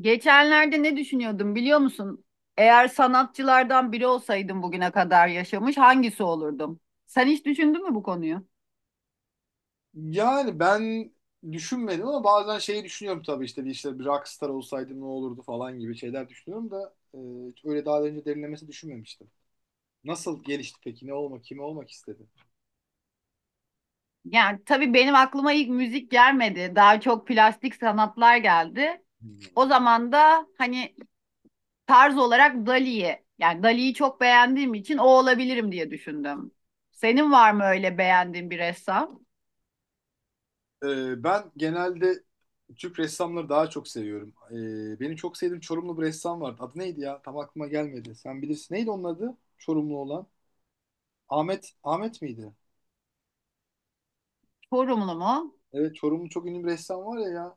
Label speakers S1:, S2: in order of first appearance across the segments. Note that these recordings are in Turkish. S1: Geçenlerde ne düşünüyordum biliyor musun? Eğer sanatçılardan biri olsaydım bugüne kadar yaşamış hangisi olurdum? Sen hiç düşündün mü bu konuyu?
S2: Yani ben düşünmedim ama bazen şeyi düşünüyorum tabii işte bir rockstar olsaydım ne olurdu falan gibi şeyler düşünüyorum da. Hiç öyle daha önce derinlemesi düşünmemiştim. Nasıl gelişti peki? Ne olmak, kimi olmak istedi?
S1: Yani tabii benim aklıma ilk müzik gelmedi. Daha çok plastik sanatlar geldi. O
S2: Hmm.
S1: zaman da hani tarz olarak Dali'yi, yani Dali'yi çok beğendiğim için o olabilirim diye düşündüm. Senin var mı öyle beğendiğin bir ressam?
S2: Ben genelde Türk ressamları daha çok seviyorum. Benim çok sevdiğim Çorumlu bir ressam vardı. Adı neydi ya? Tam aklıma gelmedi. Sen bilirsin. Neydi onun adı? Çorumlu olan. Ahmet miydi?
S1: Çorumlu mu?
S2: Evet, Çorumlu çok ünlü bir ressam var ya.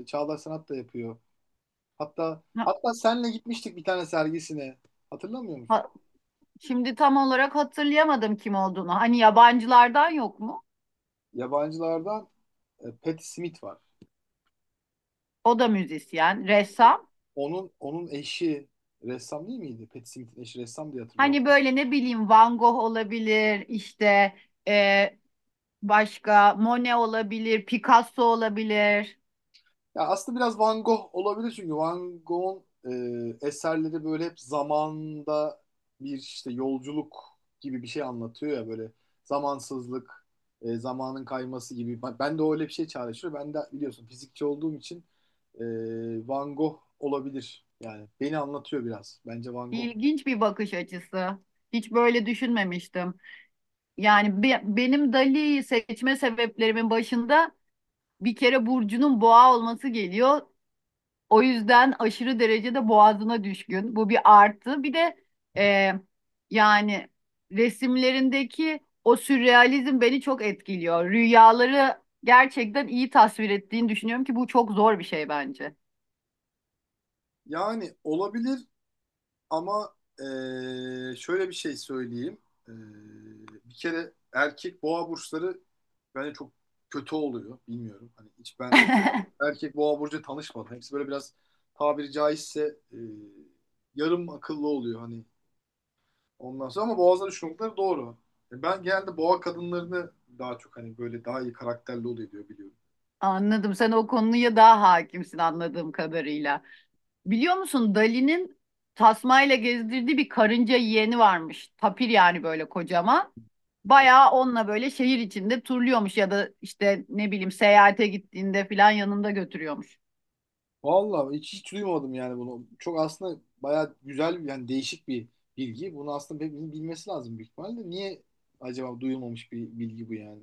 S2: Çağdaş sanat da yapıyor. Hatta
S1: Ha-
S2: hatta senle gitmiştik bir tane sergisine. Hatırlamıyor musun?
S1: ha- şimdi tam olarak hatırlayamadım kim olduğunu. Hani yabancılardan yok mu?
S2: Yabancılardan Patti Smith var.
S1: O da müzisyen, ressam.
S2: Onun eşi ressam değil miydi? Patti Smith'in eşi ressam diye hatırlıyorum.
S1: Hani böyle ne bileyim Van Gogh olabilir, işte e, başka Monet olabilir, Picasso olabilir.
S2: Ya aslında biraz Van Gogh olabilir çünkü Van Gogh'un eserleri böyle hep zamanda bir işte yolculuk gibi bir şey anlatıyor ya, böyle zamansızlık, zamanın kayması gibi. Ben de öyle bir şey çağrıştırıyor. Ben de biliyorsun fizikçi olduğum için e, Van Gogh olabilir. Yani beni anlatıyor biraz. Bence Van Gogh.
S1: İlginç bir bakış açısı. Hiç böyle düşünmemiştim. Yani benim Dali'yi seçme sebeplerimin başında bir kere Burcu'nun boğa olması geliyor. O yüzden aşırı derecede boğazına düşkün. Bu bir artı. Bir de e, yani resimlerindeki o sürrealizm beni çok etkiliyor. Rüyaları gerçekten iyi tasvir ettiğini düşünüyorum ki bu çok zor bir şey bence.
S2: Yani olabilir ama şöyle bir şey söyleyeyim. Eee, Bir kere erkek boğa burçları bence çok kötü oluyor. Bilmiyorum. Hani hiç ben erkek boğa burcu tanışmadım. Hepsi böyle biraz, tabiri caizse yarım akıllı oluyor, hani ondan sonra, ama boğazları düşündükleri doğru. Ben genelde boğa kadınlarını daha çok, hani böyle daha iyi karakterli oluyor diyor biliyorum.
S1: Anladım. Sen o konuya daha hakimsin anladığım kadarıyla. Biliyor musun Dali'nin tasmayla gezdirdiği bir karınca yeğeni varmış. Tapir yani böyle kocaman.
S2: E,
S1: Bayağı onunla böyle şehir içinde turluyormuş ya da işte ne bileyim seyahate gittiğinde falan yanında götürüyormuş.
S2: Vallahi hiç, hiç duymadım yani bunu. Çok aslında bayağı güzel yani, değişik bir bilgi. Bunu aslında hepimizin bilmesi lazım büyük ihtimalle. Niye acaba duyulmamış bir bilgi bu yani?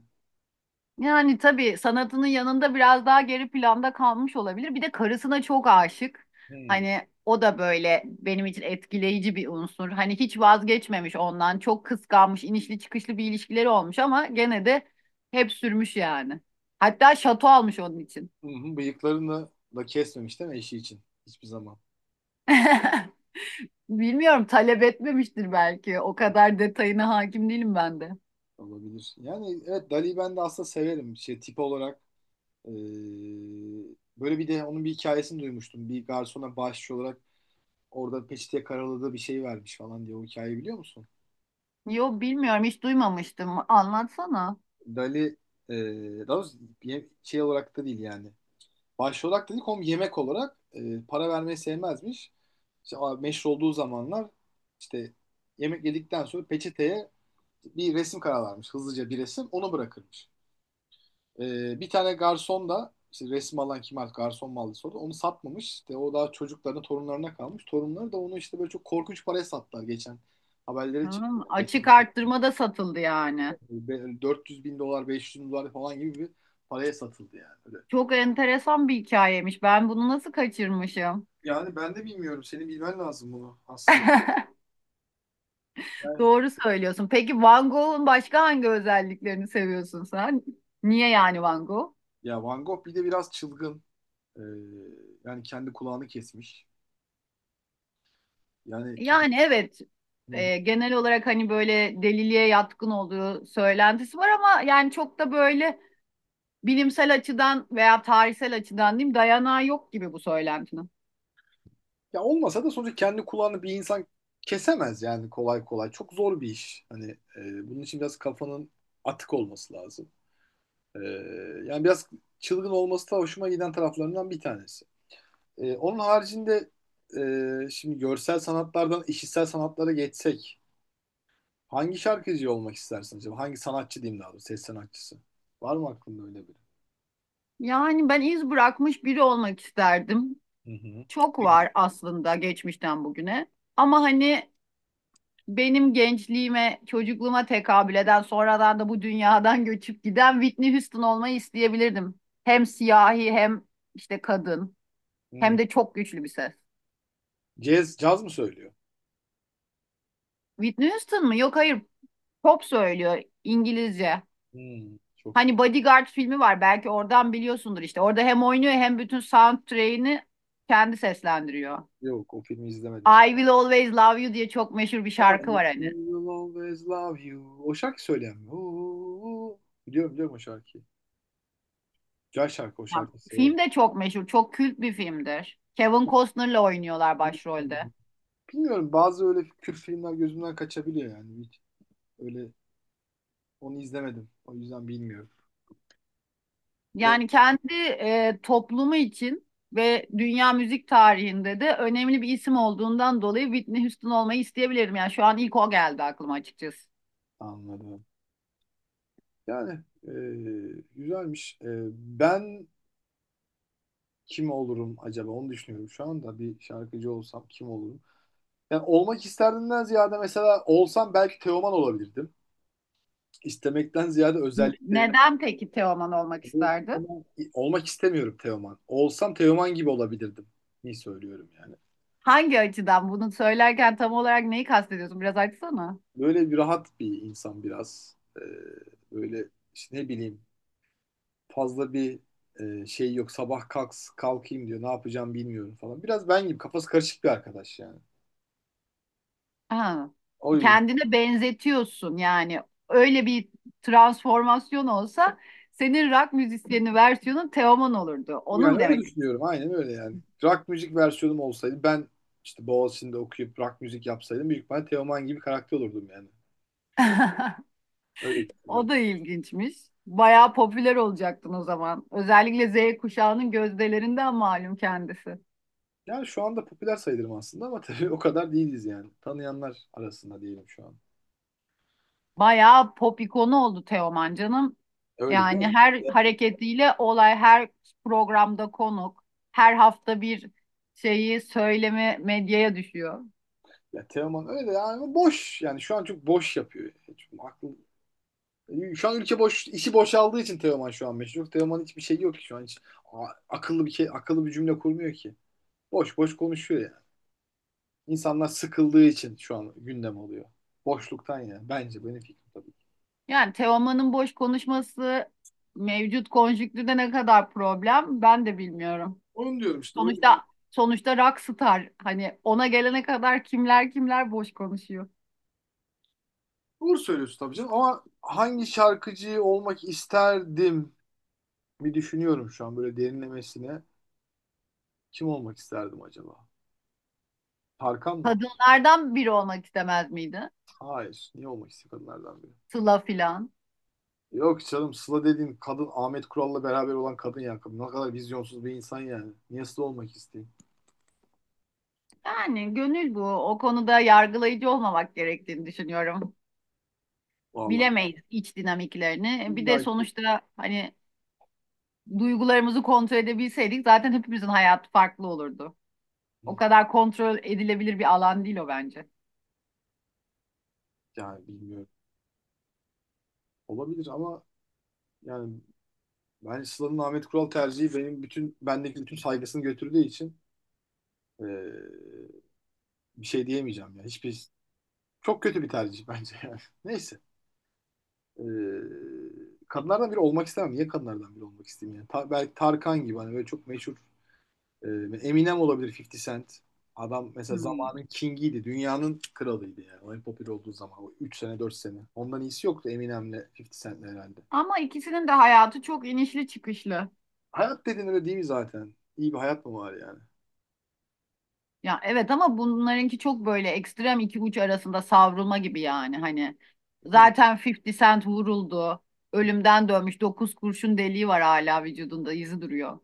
S1: Yani tabii sanatının yanında biraz daha geri planda kalmış olabilir. Bir de karısına çok aşık.
S2: Hmm.
S1: Hani o da böyle benim için etkileyici bir unsur. Hani hiç vazgeçmemiş ondan. Çok kıskanmış, inişli çıkışlı bir ilişkileri olmuş ama gene de hep sürmüş yani. Hatta şato almış onun için.
S2: Hı hı. Bıyıklarını da kesmemiş değil mi eşi için? Hiçbir zaman
S1: Bilmiyorum talep etmemiştir belki. O kadar detayına hakim değilim ben de.
S2: olabilir. Yani evet, Dali'yi ben de aslında severim. Şey, tip olarak eee, böyle, bir de onun bir hikayesini duymuştum. Bir garsona bağışçı olarak orada peçeteye karaladığı bir şey vermiş falan diye, o hikayeyi biliyor musun?
S1: Yo bilmiyorum hiç duymamıştım. Anlatsana.
S2: Dali daha doğrusu bir şey olarak da değil yani. Başvurarak dedik oğlum, yemek olarak para vermeyi sevmezmiş. İşte meşhur olduğu zamanlar işte yemek yedikten sonra peçeteye bir resim kararlarmış. Hızlıca bir resim onu bırakırmış. Bir tane garson da işte resim alan kim, artık garson mu aldı sordu. Onu satmamış. İşte o daha çocuklarına torunlarına kalmış. Torunları da onu işte böyle çok korkunç paraya sattılar geçen. Haberleri çıktı.
S1: Hmm,
S2: Yani.
S1: açık arttırma da satıldı yani.
S2: 400 bin dolar 500 bin dolar falan gibi bir paraya satıldı yani. Öyle.
S1: Çok enteresan bir hikayemiş. Ben bunu nasıl kaçırmışım?
S2: Yani ben de bilmiyorum. Senin bilmen lazım bunu aslında.
S1: Doğru söylüyorsun. Peki Van Gogh'un başka hangi özelliklerini seviyorsun sen? Niye yani Van Gogh?
S2: Ya Van Gogh bir de biraz çılgın. Ee, Yani kendi kulağını kesmiş. Yani
S1: Yani
S2: kendi...
S1: evet,
S2: Hı hı.
S1: genel olarak hani böyle deliliğe yatkın olduğu söylentisi var ama yani çok da böyle bilimsel açıdan veya tarihsel açıdan diyeyim dayanağı yok gibi bu söylentinin.
S2: Ya olmasa da sonuçta kendi kulağını bir insan kesemez yani kolay kolay. Çok zor bir iş. Hani bunun için biraz kafanın atık olması lazım. Ee, Yani biraz çılgın olması da hoşuma giden taraflarından bir tanesi. Onun haricinde, şimdi görsel sanatlardan işitsel sanatlara geçsek, hangi şarkıcı olmak istersiniz acaba? Hangi sanatçı diyeyim daha doğrusu, ses sanatçısı? Var mı aklında öyle biri?
S1: Yani ben iz bırakmış biri olmak isterdim.
S2: Hı hı.
S1: Çok var aslında geçmişten bugüne. Ama hani benim gençliğime, çocukluğuma tekabül eden, sonradan da bu dünyadan göçüp giden Whitney Houston olmayı isteyebilirdim. Hem siyahi hem işte kadın
S2: Hmm.
S1: hem de çok güçlü bir ses.
S2: Caz, caz mı söylüyor?
S1: Whitney Houston mı? Yok, hayır. Pop söylüyor, İngilizce.
S2: Hmm. Çok
S1: Hani Bodyguard filmi var, belki oradan biliyorsundur işte. Orada hem oynuyor hem bütün soundtrack'ini kendi seslendiriyor.
S2: yok, o filmi izlemedim.
S1: I Will Always Love You diye çok meşhur bir
S2: Ha, I
S1: şarkı var hani.
S2: will always love you. O şarkı söyleyen mi? Oo, biliyorum biliyorum o şarkıyı. Güzel şarkı, o
S1: Ya,
S2: şarkıyı severim.
S1: film de çok meşhur, çok kült bir filmdir. Kevin Costner'la oynuyorlar başrolde.
S2: Hmm. Bilmiyorum, bazı öyle Kürt filmler gözümden kaçabiliyor yani. Hiç öyle onu izlemedim. O yüzden bilmiyorum. Evet.
S1: Yani kendi toplumu için ve dünya müzik tarihinde de önemli bir isim olduğundan dolayı Whitney Houston olmayı isteyebilirim. Yani şu an ilk o geldi aklıma açıkçası.
S2: Anladım. Yani e, güzelmiş. Ben kim olurum acaba, onu düşünüyorum. Şu anda bir şarkıcı olsam kim olurum? Yani olmak isterdimden ziyade, mesela olsam belki Teoman olabilirdim. İstemekten ziyade özelliklerin.
S1: Neden peki Teoman olmak isterdi?
S2: Ama olmak istemiyorum Teoman. Olsam Teoman gibi olabilirdim. İyi söylüyorum yani.
S1: Hangi açıdan bunu söylerken tam olarak neyi kastediyorsun? Biraz açsana.
S2: Böyle bir rahat bir insan biraz. Böyle işte ne bileyim, fazla bir şey yok. Sabah kalkayım diyor. Ne yapacağım bilmiyorum falan. Biraz ben gibi kafası karışık bir arkadaş yani.
S1: Ha.
S2: O yüzden.
S1: Kendine benzetiyorsun yani. Öyle bir transformasyon olsa senin rock müzisyeni versiyonun Teoman olurdu. Onu
S2: Yani
S1: mu
S2: öyle
S1: demek?
S2: düşünüyorum. Aynen öyle yani. Rock müzik versiyonum olsaydı ben işte Boğaziçi'nde okuyup rock müzik yapsaydım, büyük ihtimalle Teoman gibi karakter olurdum yani. Öyle düşünüyorum.
S1: O da ilginçmiş. Bayağı popüler olacaktın o zaman. Özellikle Z kuşağının gözdelerinden malum kendisi.
S2: Yani şu anda popüler sayılırım aslında ama tabii o kadar değiliz yani. Tanıyanlar arasında diyelim şu an.
S1: Bayağı pop ikonu oldu Teoman canım.
S2: Öyle değil
S1: Yani
S2: mi?
S1: her hareketiyle olay, her programda konuk, her hafta bir şeyi söyleme medyaya düşüyor.
S2: Ya Teoman öyle yani, ama boş. Yani şu an çok boş yapıyor. Hiç aklı... Şu an ülke boş, işi boşaldığı için Teoman şu an meşhur. Teoman hiçbir şey yok ki şu an, hiç. Akıllı bir cümle kurmuyor ki. Boş boş konuşuyor yani. İnsanlar sıkıldığı için şu an gündem oluyor. Boşluktan yani. Bence, benim fikrim tabii ki.
S1: Yani Teoman'ın boş konuşması mevcut konjüktürde ne kadar problem ben de bilmiyorum.
S2: Onu diyorum işte.
S1: Sonuçta sonuçta rockstar hani ona gelene kadar kimler boş konuşuyor.
S2: Doğru söylüyorsun tabii canım. Ama hangi şarkıcı olmak isterdim, bir düşünüyorum şu an böyle derinlemesine. Kim olmak isterdim acaba? Tarkan mı?
S1: Kadınlardan biri olmak istemez miydi?
S2: Hayır. Niye olmak istiyor kadınlardan biri?
S1: Sıla filan.
S2: Yok canım, Sıla dediğin kadın Ahmet Kural'la beraber olan kadın ya. Ne kadar vizyonsuz bir insan yani. Niye Sıla olmak isteyeyim?
S1: Yani gönül bu. O konuda yargılayıcı olmamak gerektiğini düşünüyorum.
S2: Vallahi ben
S1: Bilemeyiz iç dinamiklerini. Bir
S2: illa
S1: de
S2: ki-
S1: sonuçta hani duygularımızı kontrol edebilseydik zaten hepimizin hayatı farklı olurdu. O kadar kontrol edilebilir bir alan değil o bence.
S2: yani bilmiyorum. Olabilir ama yani. Ben Sıla'nın Ahmet Kural tercihi, benim bütün bendeki bütün saygısını götürdüğü için e, bir şey diyemeyeceğim ya. Hiçbir, çok kötü bir tercih bence yani. Neyse. E, Kadınlardan biri olmak istemem. Niye kadınlardan biri olmak isteyeyim yani? Belki Tarkan gibi hani böyle çok meşhur, e, Eminem olabilir, 50 Cent. Adam mesela
S1: Hmm.
S2: zamanın kingiydi. Dünyanın kralıydı yani. O en popüler olduğu zaman. O 3 sene 4 sene. Ondan iyisi yoktu Eminem'le 50 Cent'le herhalde.
S1: Ama ikisinin de hayatı çok inişli çıkışlı.
S2: Hayat dediğin öyle değil mi zaten? İyi bir hayat mı var yani?
S1: Ya evet, ama bunlarınki çok böyle ekstrem iki uç arasında savrulma gibi yani hani
S2: Hı.
S1: zaten 50 Cent vuruldu. Ölümden dönmüş, 9 kurşun deliği var, hala vücudunda izi duruyor.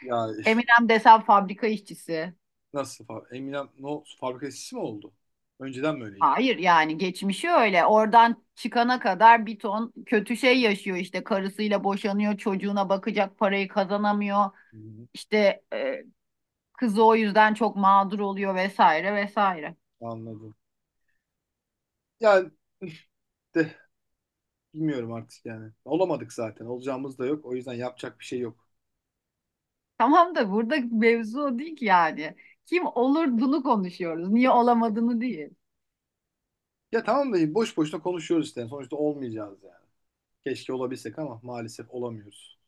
S2: Ya
S1: Eminem desem fabrika işçisi.
S2: nasıl? Eminem no fabrika işçisi mi oldu? Önceden mi öyleydi?
S1: Hayır, yani geçmişi öyle. Oradan çıkana kadar bir ton kötü şey yaşıyor, işte karısıyla boşanıyor, çocuğuna bakacak parayı kazanamıyor.
S2: Hı hı.
S1: İşte kızı o yüzden çok mağdur oluyor, vesaire vesaire.
S2: Anladım. Yani de bilmiyorum artık yani. Olamadık zaten. Olacağımız da yok. O yüzden yapacak bir şey yok.
S1: Tamam da burada mevzu o değil ki yani. Kim olur bunu konuşuyoruz. Niye olamadığını değil.
S2: Ya tamam da boş boşuna konuşuyoruz işte. Yani sonuçta olmayacağız yani. Keşke olabilsek ama maalesef olamıyoruz.